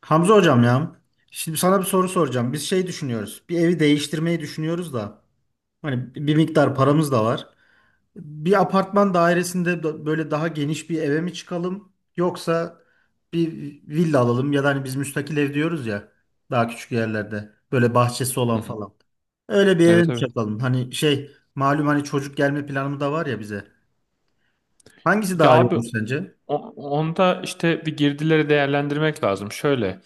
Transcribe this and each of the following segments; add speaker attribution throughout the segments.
Speaker 1: Hamza hocam ya. Şimdi sana bir soru soracağım. Biz şey düşünüyoruz. Bir evi değiştirmeyi düşünüyoruz da. Hani bir miktar paramız da var. Bir apartman dairesinde böyle daha geniş bir eve mi çıkalım? Yoksa bir villa alalım ya da hani biz müstakil ev diyoruz ya. Daha küçük yerlerde. Böyle bahçesi
Speaker 2: Hı
Speaker 1: olan
Speaker 2: hı.
Speaker 1: falan. Öyle bir eve
Speaker 2: Evet
Speaker 1: mi
Speaker 2: evet.
Speaker 1: çıkalım? Hani şey malum hani çocuk gelme planı da var ya bize. Hangisi
Speaker 2: Ya
Speaker 1: daha iyi
Speaker 2: abi,
Speaker 1: olur sence?
Speaker 2: onda işte bir girdileri değerlendirmek lazım. Şöyle,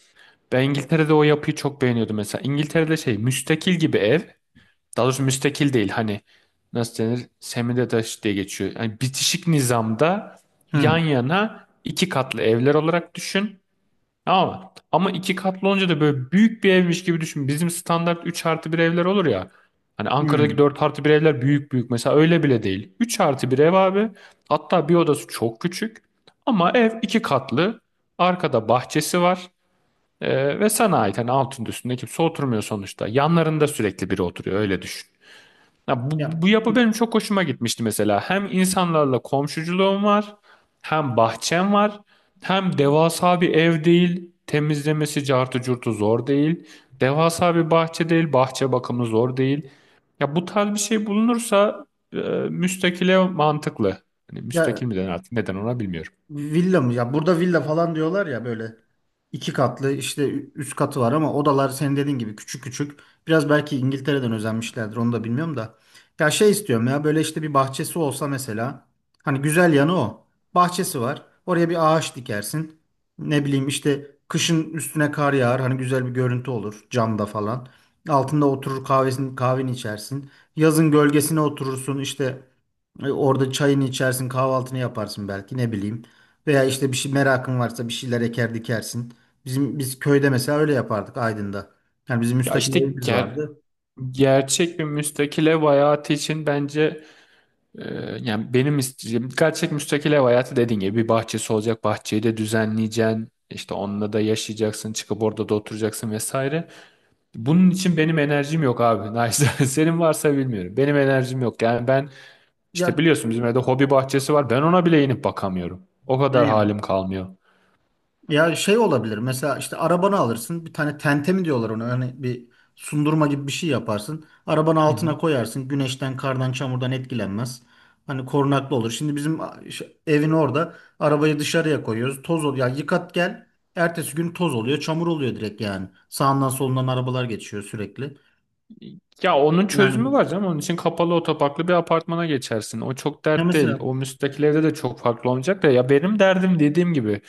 Speaker 2: ben İngiltere'de o yapıyı çok beğeniyordum mesela. İngiltere'de şey müstakil gibi ev. Daha doğrusu müstakil değil, hani nasıl denir? Semi-detached diye geçiyor. Yani bitişik nizamda yan
Speaker 1: Hmm.
Speaker 2: yana iki katlı evler olarak düşün. Ama iki katlı olunca da böyle büyük bir evmiş gibi düşün. Bizim standart 3 artı bir evler olur ya. Hani Ankara'daki
Speaker 1: Hmm.
Speaker 2: 4 artı bir evler büyük büyük. Mesela öyle bile değil. 3 artı bir ev abi. Hatta bir odası çok küçük. Ama ev iki katlı. Arkada bahçesi var. Ve sana ait. Hani altında üstünde kimse oturmuyor sonuçta. Yanlarında sürekli biri oturuyor. Öyle düşün. Ya bu,
Speaker 1: Ya,
Speaker 2: bu yapı benim çok hoşuma gitmişti mesela. Hem insanlarla komşuculuğum var, hem bahçem var, hem devasa bir ev değil, temizlemesi cartı curtu zor değil, devasa bir bahçe değil, bahçe bakımı zor değil. Ya bu tarz bir şey bulunursa e, müstakile mantıklı. Hani
Speaker 1: ya,
Speaker 2: müstakil mi denir artık, neden ona bilmiyorum.
Speaker 1: villa mı? Ya burada villa falan diyorlar ya böyle iki katlı işte üst katı var ama odalar senin dediğin gibi küçük küçük. Biraz belki İngiltere'den özenmişlerdir onu da bilmiyorum da. Ya şey istiyorum ya böyle işte bir bahçesi olsa mesela. Hani güzel yanı o. Bahçesi var. Oraya bir ağaç dikersin. Ne bileyim işte kışın üstüne kar yağar. Hani güzel bir görüntü olur camda falan. Altında oturur kahveni içersin. Yazın gölgesine oturursun işte orada çayını içersin kahvaltını yaparsın belki ne bileyim. Veya işte bir şey merakın varsa bir şeyler eker dikersin. Biz köyde mesela öyle yapardık Aydın'da. Yani bizim
Speaker 2: Ya
Speaker 1: müstakil
Speaker 2: işte
Speaker 1: evimiz vardı.
Speaker 2: gerçek bir müstakil ev hayatı için bence, Ee, yani benim isteyeceğim dikkat çek müstakil ev hayatı dediğin gibi bir bahçesi olacak, bahçeyi de düzenleyeceksin, işte onunla da yaşayacaksın, çıkıp orada da oturacaksın vesaire. Bunun için benim enerjim yok abi. Neyse, senin varsa bilmiyorum. Benim enerjim yok. Yani ben işte
Speaker 1: Ya,
Speaker 2: biliyorsun bizim evde hobi bahçesi var. Ben ona bile inip bakamıyorum. O kadar
Speaker 1: aynen.
Speaker 2: halim kalmıyor.
Speaker 1: Ya şey olabilir. Mesela işte arabanı alırsın. Bir tane tente mi diyorlar ona? Hani bir sundurma gibi bir şey yaparsın. Arabanı
Speaker 2: Hı hı.
Speaker 1: altına koyarsın. Güneşten, kardan, çamurdan etkilenmez. Hani korunaklı olur. Şimdi bizim evin orada arabayı dışarıya koyuyoruz. Toz oluyor. Ya yıkat gel. Ertesi gün toz oluyor, çamur oluyor direkt yani. Sağından solundan arabalar geçiyor sürekli.
Speaker 2: Ya onun çözümü
Speaker 1: Yani.
Speaker 2: var canım. Onun için kapalı otoparklı bir apartmana geçersin. O çok
Speaker 1: Ya
Speaker 2: dert değil.
Speaker 1: mesela.
Speaker 2: O müstakil evde de çok farklı olmayacak da, ya benim derdim dediğim gibi.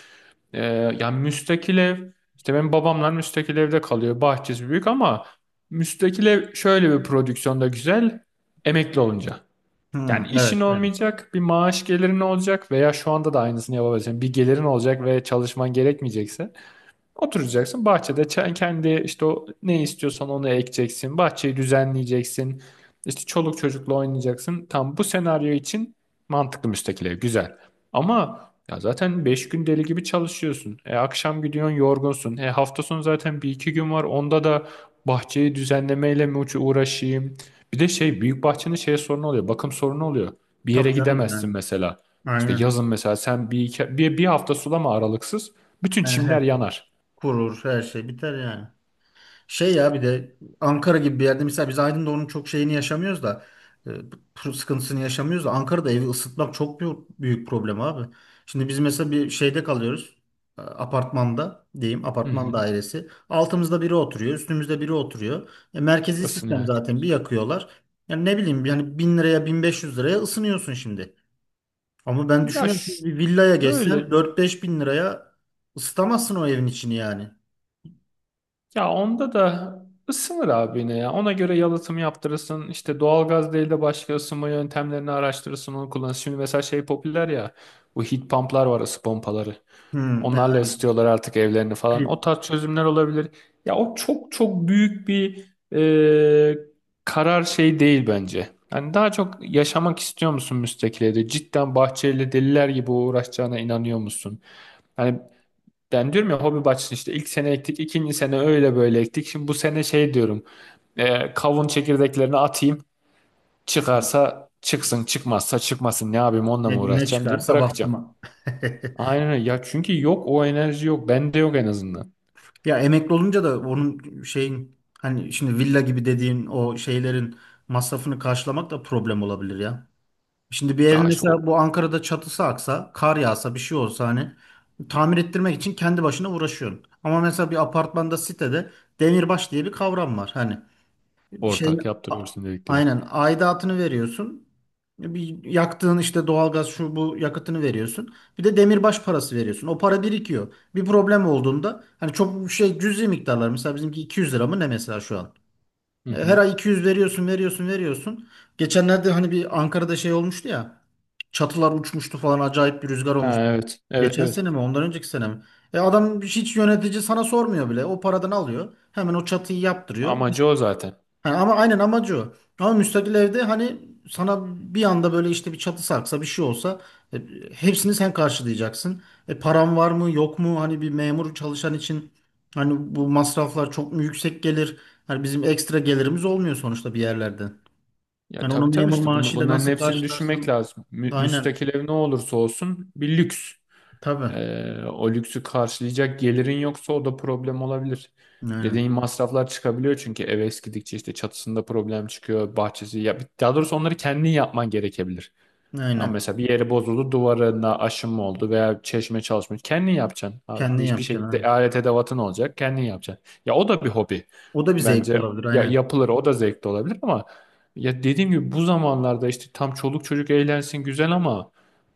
Speaker 2: Ee, Yani müstakil ev, işte benim babamlar müstakil evde kalıyor. Bahçesi büyük ama müstakil ev şöyle bir prodüksiyonda güzel: emekli olunca.
Speaker 1: Hı,
Speaker 2: Yani işin
Speaker 1: evet yani.
Speaker 2: olmayacak, bir maaş gelirin olacak veya şu anda da aynısını yapabilirsin. Bir gelirin olacak ve çalışman gerekmeyecekse oturacaksın bahçede, kendi işte o ne istiyorsan onu ekeceksin. Bahçeyi düzenleyeceksin. İşte çoluk çocukla oynayacaksın. Tam bu senaryo için mantıklı, müstakil ev güzel. Ama ya zaten 5 gün deli gibi çalışıyorsun. Akşam gidiyorsun, yorgunsun. Hafta sonu zaten bir iki gün var. Onda da bahçeyi düzenlemeyle mi uğraşayım? Bir de şey, büyük bahçenin şey sorunu oluyor. Bakım sorunu oluyor. Bir yere
Speaker 1: Tabii canım yani.
Speaker 2: gidemezsin mesela. İşte
Speaker 1: Aynen.
Speaker 2: yazın mesela sen bir, iki, bir hafta sulama aralıksız. Bütün
Speaker 1: Yani her
Speaker 2: çimler
Speaker 1: şey
Speaker 2: yanar.
Speaker 1: kurur, her şey biter yani. Şey ya bir de Ankara gibi bir yerde mesela biz Aydın'da onun çok şeyini yaşamıyoruz da e, bu sıkıntısını yaşamıyoruz da Ankara'da evi ısıtmak çok büyük problem abi. Şimdi biz mesela bir şeyde kalıyoruz. Apartmanda diyeyim
Speaker 2: Hı
Speaker 1: apartman
Speaker 2: hı.
Speaker 1: dairesi. Altımızda biri oturuyor, üstümüzde biri oturuyor. Merkezi sistem
Speaker 2: Isınıyor.
Speaker 1: zaten bir yakıyorlar. Yani ne bileyim yani 1.000 liraya 1.500 liraya ısınıyorsun şimdi. Ama ben
Speaker 2: Ya
Speaker 1: düşünüyorum şimdi
Speaker 2: ş-
Speaker 1: bir villaya
Speaker 2: şöyle
Speaker 1: geçsen 4-5 bin liraya ısıtamazsın o evin içini yani.
Speaker 2: ya onda da ısınır abi yine ya. Ona göre yalıtım yaptırırsın. İşte doğalgaz değil de başka ısınma yöntemlerini araştırırsın, onu kullanırsın. Şimdi mesela şey popüler ya, bu heat pump'lar var, ısı pompaları.
Speaker 1: Hmm,
Speaker 2: Onlarla
Speaker 1: yani
Speaker 2: ısıtıyorlar artık evlerini falan. O
Speaker 1: plim.
Speaker 2: tarz çözümler olabilir. Ya o çok çok büyük bir e, karar şey değil bence. Yani daha çok yaşamak istiyor musun müstakil evde? Cidden bahçeyle deliler gibi uğraşacağına inanıyor musun? Yani ben diyorum ya, hobi bahçesi işte ilk sene ektik, ikinci sene öyle böyle ektik. Şimdi bu sene şey diyorum, kavun çekirdeklerini atayım. Çıkarsa çıksın, çıkmazsa çıkmasın. Ne yapayım, onunla
Speaker 1: Ne,
Speaker 2: mı
Speaker 1: ne
Speaker 2: uğraşacağım deyip
Speaker 1: çıkarsa
Speaker 2: bırakacağım.
Speaker 1: baktıma.
Speaker 2: Aynen öyle. Ya çünkü yok, o enerji yok. Bende yok en azından.
Speaker 1: Ya emekli olunca da onun şeyin hani şimdi villa gibi dediğin o şeylerin masrafını karşılamak da problem olabilir ya. Şimdi bir
Speaker 2: Ya
Speaker 1: evin
Speaker 2: işte o,
Speaker 1: mesela bu Ankara'da çatısı aksa, kar yağsa, bir şey olsa hani tamir ettirmek için kendi başına uğraşıyorsun. Ama mesela bir apartmanda sitede demirbaş diye bir kavram var. Hani şey,
Speaker 2: ortak
Speaker 1: a-
Speaker 2: yaptırıyorsun dedik diyor.
Speaker 1: aynen aidatını veriyorsun. Bir yaktığın işte doğalgaz şu bu yakıtını veriyorsun. Bir de demirbaş parası veriyorsun. O para birikiyor. Bir problem olduğunda hani çok şey cüzi miktarlar. Mesela bizimki 200 lira mı ne mesela şu an.
Speaker 2: Hı
Speaker 1: Her
Speaker 2: hı.
Speaker 1: ay 200 veriyorsun, veriyorsun, veriyorsun. Geçenlerde hani bir Ankara'da şey olmuştu ya. Çatılar uçmuştu falan acayip bir rüzgar
Speaker 2: Ha,
Speaker 1: olmuştu.
Speaker 2: evet, evet,
Speaker 1: Geçen
Speaker 2: evet.
Speaker 1: sene mi ondan önceki sene mi? E, adam hiç yönetici sana sormuyor bile. O paradan alıyor. Hemen o çatıyı yaptırıyor.
Speaker 2: Amacı o zaten.
Speaker 1: Ha, ama aynen amacı o. Ama müstakil evde hani sana bir anda böyle işte bir çatı sarksa bir şey olsa e, hepsini sen karşılayacaksın. Param var mı yok mu hani bir memur çalışan için hani bu masraflar çok mu yüksek gelir? Hani bizim ekstra gelirimiz olmuyor sonuçta bir yerlerden.
Speaker 2: Ya
Speaker 1: Hani onu
Speaker 2: tabii tabii,
Speaker 1: memur
Speaker 2: işte
Speaker 1: maaşıyla
Speaker 2: bunların
Speaker 1: nasıl
Speaker 2: hepsini düşünmek
Speaker 1: karşılarsın?
Speaker 2: lazım.
Speaker 1: Aynen
Speaker 2: Müstakil ev ne olursa olsun bir lüks.
Speaker 1: tabii.
Speaker 2: O lüksü karşılayacak gelirin yoksa o da problem olabilir. Dediğin
Speaker 1: Aynen.
Speaker 2: masraflar çıkabiliyor çünkü ev eskidikçe işte çatısında problem çıkıyor, bahçesi, ya daha doğrusu onları kendin yapman gerekebilir. Ama
Speaker 1: Aynen.
Speaker 2: mesela bir yeri bozuldu, duvarına aşınma oldu veya çeşme çalışmıyor. Kendin yapacaksın abi.
Speaker 1: Kendin
Speaker 2: Bir
Speaker 1: yapacaksın.
Speaker 2: şekilde
Speaker 1: Aynen.
Speaker 2: alet edevatın olacak. Kendin yapacaksın. Ya o da bir hobi.
Speaker 1: O da bir zevk
Speaker 2: Bence
Speaker 1: olabilir
Speaker 2: ya,
Speaker 1: aynen.
Speaker 2: yapılır. O da zevkli olabilir ama ya dediğim gibi, bu zamanlarda işte tam çoluk çocuk eğlensin güzel ama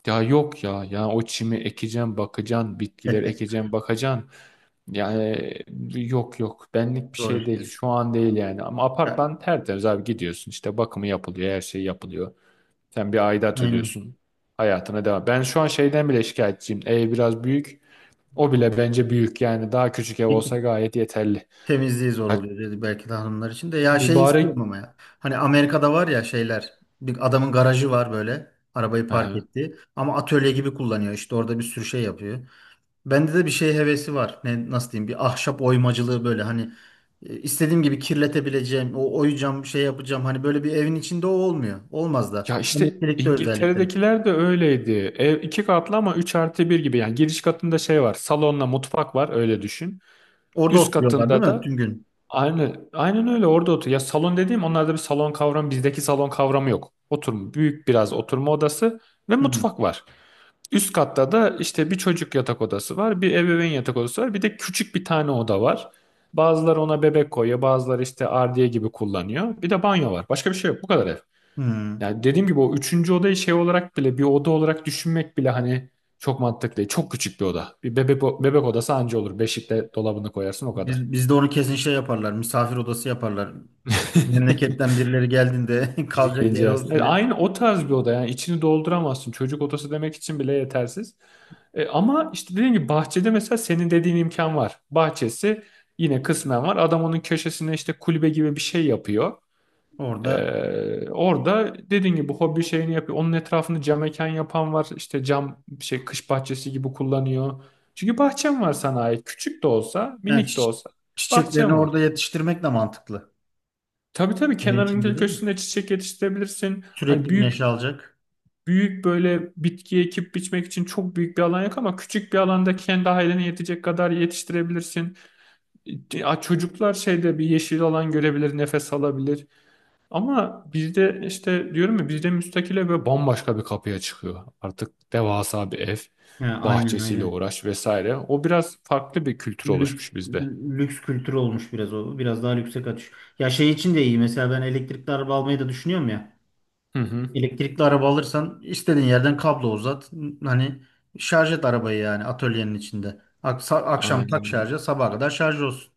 Speaker 2: ya yok ya. Ya o çimi ekeceğim, bakacaksın. Bitkiler ekeceğim, bakacaksın. Yani yok yok. Benlik bir
Speaker 1: Doğru
Speaker 2: şey değil.
Speaker 1: söylüyorsun.
Speaker 2: Şu an değil yani. Ama
Speaker 1: Ya,
Speaker 2: apartman tertemiz abi, gidiyorsun, işte bakımı yapılıyor. Her şey yapılıyor. Sen bir aidat
Speaker 1: aynen.
Speaker 2: ödüyorsun. Hayatına devam. Ben şu an şeyden bile şikayetçiyim. Ev biraz büyük. O bile bence büyük. Yani daha küçük ev olsa gayet yeterli.
Speaker 1: Temizliği zor
Speaker 2: Ya
Speaker 1: oluyor dedi belki de hanımlar için de. Ya şey
Speaker 2: mübarek...
Speaker 1: istiyorum ama ya. Hani Amerika'da var ya şeyler. Bir adamın garajı var böyle. Arabayı
Speaker 2: Hı
Speaker 1: park
Speaker 2: hı.
Speaker 1: etti. Ama atölye gibi kullanıyor. İşte orada bir sürü şey yapıyor. Bende de bir şey hevesi var. Nasıl diyeyim? Bir ahşap oymacılığı böyle hani istediğim gibi kirletebileceğim, o oyacağım, şey yapacağım. Hani böyle bir evin içinde o olmuyor. Olmaz da.
Speaker 2: Ya işte
Speaker 1: Emeklilikte özellikle.
Speaker 2: İngiltere'dekiler de öyleydi. Ev iki katlı ama 3 artı bir gibi. Yani giriş katında şey var. Salonla mutfak var, öyle düşün.
Speaker 1: Orada
Speaker 2: Üst
Speaker 1: oturuyorlar değil
Speaker 2: katında
Speaker 1: mi? Tüm
Speaker 2: da
Speaker 1: gün.
Speaker 2: aynı aynen öyle, orada otur. Ya salon dediğim, onlarda bir salon kavramı, bizdeki salon kavramı yok. Oturma, büyük biraz oturma odası ve
Speaker 1: Hı hı.
Speaker 2: mutfak var. Üst katta da işte bir çocuk yatak odası var, bir ebeveyn yatak odası var, bir de küçük bir tane oda var. Bazıları ona bebek koyuyor, bazıları işte ardiye gibi kullanıyor. Bir de banyo var. Başka bir şey yok. Bu kadar ev.
Speaker 1: Hı.
Speaker 2: Yani dediğim gibi o üçüncü odayı şey olarak bile, bir oda olarak düşünmek bile hani çok mantıklı değil. Çok küçük bir oda. Bir bebek odası anca olur. Beşikte dolabını koyarsın o kadar.
Speaker 1: Bizde onu kesin şey yaparlar. Misafir odası yaparlar. Memleketten birileri geldiğinde
Speaker 2: Biri
Speaker 1: kalacak
Speaker 2: geleceği
Speaker 1: yeri
Speaker 2: aslında.
Speaker 1: olsun diye.
Speaker 2: Aynı o tarz bir oda, yani içini dolduramazsın. Çocuk odası demek için bile yetersiz. Ama işte dediğim gibi, bahçede mesela senin dediğin imkan var. Bahçesi yine kısmen var. Adam onun köşesine işte kulübe gibi bir şey yapıyor.
Speaker 1: Orada
Speaker 2: Orada dediğin gibi hobi şeyini yapıyor. Onun etrafını cam mekan yapan var. İşte cam şey, kış bahçesi gibi kullanıyor. Çünkü bahçem var, sana ait. Küçük de olsa,
Speaker 1: yani
Speaker 2: minik de olsa,
Speaker 1: çiçeklerini
Speaker 2: bahçem var.
Speaker 1: orada yetiştirmek de mantıklı.
Speaker 2: Tabii tabii,
Speaker 1: Evin
Speaker 2: kenarın
Speaker 1: içinde değil mi?
Speaker 2: köşesinde çiçek yetiştirebilirsin. Hani
Speaker 1: Sürekli güneş
Speaker 2: büyük
Speaker 1: alacak.
Speaker 2: büyük böyle bitki ekip biçmek için çok büyük bir alan yok ama küçük bir alanda kendi ailene yetecek kadar yetiştirebilirsin. Ya çocuklar şeyde bir yeşil alan görebilir, nefes alabilir. Ama bizde işte diyorum ya, bizde müstakile ve bambaşka bir kapıya çıkıyor. Artık devasa bir ev,
Speaker 1: Ha, aynen
Speaker 2: bahçesiyle
Speaker 1: aynen.
Speaker 2: uğraş vesaire. O biraz farklı bir kültür
Speaker 1: Lüks,
Speaker 2: oluşmuş bizde.
Speaker 1: lüks kültürü olmuş biraz o. Biraz daha lükse kaçış. Ya şey için de iyi. Mesela ben elektrikli araba almayı da düşünüyorum ya.
Speaker 2: Hı hı.
Speaker 1: Elektrikli araba alırsan istediğin yerden kablo uzat. Hani şarj et arabayı yani atölyenin içinde. Aksa, akşam tak şarja
Speaker 2: Aynen.
Speaker 1: sabaha kadar şarj olsun.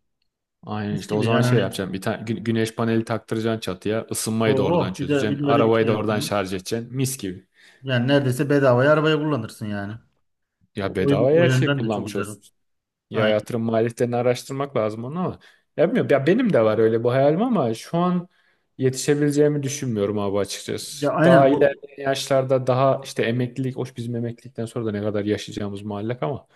Speaker 2: Aynen
Speaker 1: Mis
Speaker 2: işte o
Speaker 1: gibi
Speaker 2: zaman
Speaker 1: yani
Speaker 2: şey
Speaker 1: hani
Speaker 2: yapacağım. Bir tane güneş paneli taktıracaksın çatıya.
Speaker 1: oh
Speaker 2: Isınmayı da oradan
Speaker 1: oh, bir de bir
Speaker 2: çözeceksin.
Speaker 1: de böyle bir şey
Speaker 2: Arabayı da
Speaker 1: yaptın
Speaker 2: oradan
Speaker 1: mı?
Speaker 2: şarj edeceksin. Mis gibi.
Speaker 1: Yani neredeyse bedavaya arabayı kullanırsın yani.
Speaker 2: Ya
Speaker 1: O, o yön- o
Speaker 2: bedavaya her şeyi
Speaker 1: yönden de çok
Speaker 2: kullanmış
Speaker 1: güzel.
Speaker 2: olsun. Ya
Speaker 1: Aynen.
Speaker 2: yatırım maliyetlerini araştırmak lazım onu ama. Ya bilmiyorum. Ya benim de var öyle bu hayalim ama şu an yetişebileceğimi düşünmüyorum abi
Speaker 1: Ya
Speaker 2: açıkçası. Daha
Speaker 1: aynen bu
Speaker 2: ilerleyen yaşlarda daha işte emeklilik, hoş bizim emeklilikten sonra da ne kadar yaşayacağımız muallak ama.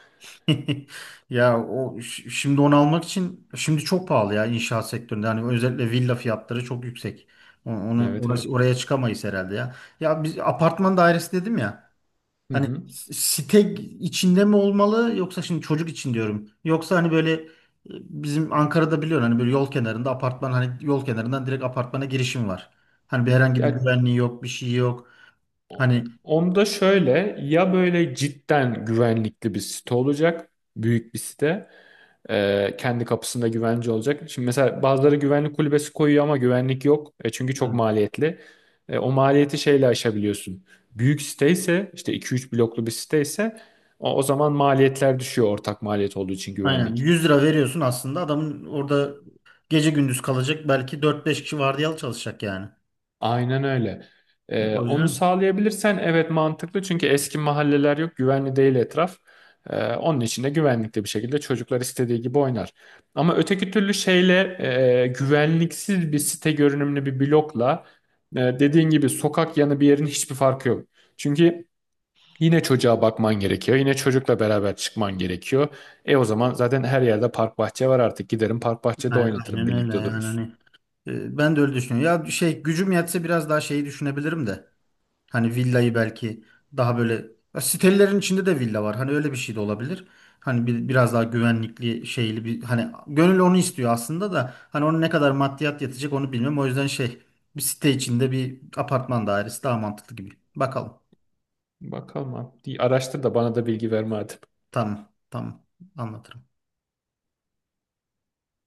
Speaker 1: ya o şimdi onu almak için şimdi çok pahalı ya inşaat sektöründe. Yani özellikle villa fiyatları çok yüksek. O- Onu
Speaker 2: Evet
Speaker 1: orası,
Speaker 2: evet.
Speaker 1: oraya çıkamayız herhalde ya. Ya biz apartman dairesi dedim ya.
Speaker 2: Hı
Speaker 1: Hani
Speaker 2: hı.
Speaker 1: site içinde mi olmalı yoksa şimdi çocuk için diyorum. Yoksa hani böyle bizim Ankara'da biliyorsun hani böyle yol kenarında apartman hani yol kenarından direkt apartmana girişim var. Hani bir herhangi bir
Speaker 2: Ya
Speaker 1: güvenliği yok, bir şey yok. Hani
Speaker 2: onda şöyle, ya böyle cidden güvenlikli bir site olacak. Büyük bir site. Kendi kapısında güvence olacak. Şimdi mesela bazıları güvenlik kulübesi koyuyor ama güvenlik yok. Çünkü çok
Speaker 1: hı,
Speaker 2: maliyetli. O maliyeti şeyle aşabiliyorsun. Büyük site ise, işte 2-3 bloklu bir site ise, o zaman maliyetler düşüyor, ortak maliyet olduğu için
Speaker 1: aynen
Speaker 2: güvenlik.
Speaker 1: 100 lira veriyorsun aslında adamın orada gece gündüz kalacak belki dört beş kişi vardiyalı çalışacak yani.
Speaker 2: Aynen öyle.
Speaker 1: O
Speaker 2: Onu
Speaker 1: yüzden
Speaker 2: sağlayabilirsen evet mantıklı, çünkü eski mahalleler yok, güvenli değil etraf. Onun için de güvenlikli bir şekilde çocuklar istediği gibi oynar. Ama öteki türlü şeyle, güvenliksiz bir site görünümlü bir blokla, dediğin gibi sokak yanı bir yerin hiçbir farkı yok. Çünkü yine çocuğa bakman gerekiyor. Yine çocukla beraber çıkman gerekiyor. O zaman zaten her yerde park bahçe var artık. Giderim park bahçede
Speaker 1: aynen
Speaker 2: oynatırım,
Speaker 1: aynen öyle
Speaker 2: birlikte
Speaker 1: yani
Speaker 2: dururuz.
Speaker 1: hani ben de öyle düşünüyorum. Ya şey gücüm yetse biraz daha şeyi düşünebilirim de. Hani villayı belki daha böyle ya sitelerin içinde de villa var. Hani öyle bir şey de olabilir. Hani bir, biraz daha güvenlikli şeyli bir hani gönül onu istiyor aslında da hani onun ne kadar maddiyat yatacak onu bilmiyorum. O yüzden şey bir site içinde bir apartman dairesi daha mantıklı gibi. Bakalım.
Speaker 2: Bakalım abi. İyi, araştır da bana da bilgi verme hadi.
Speaker 1: Tamam. Tamam. Anlatırım.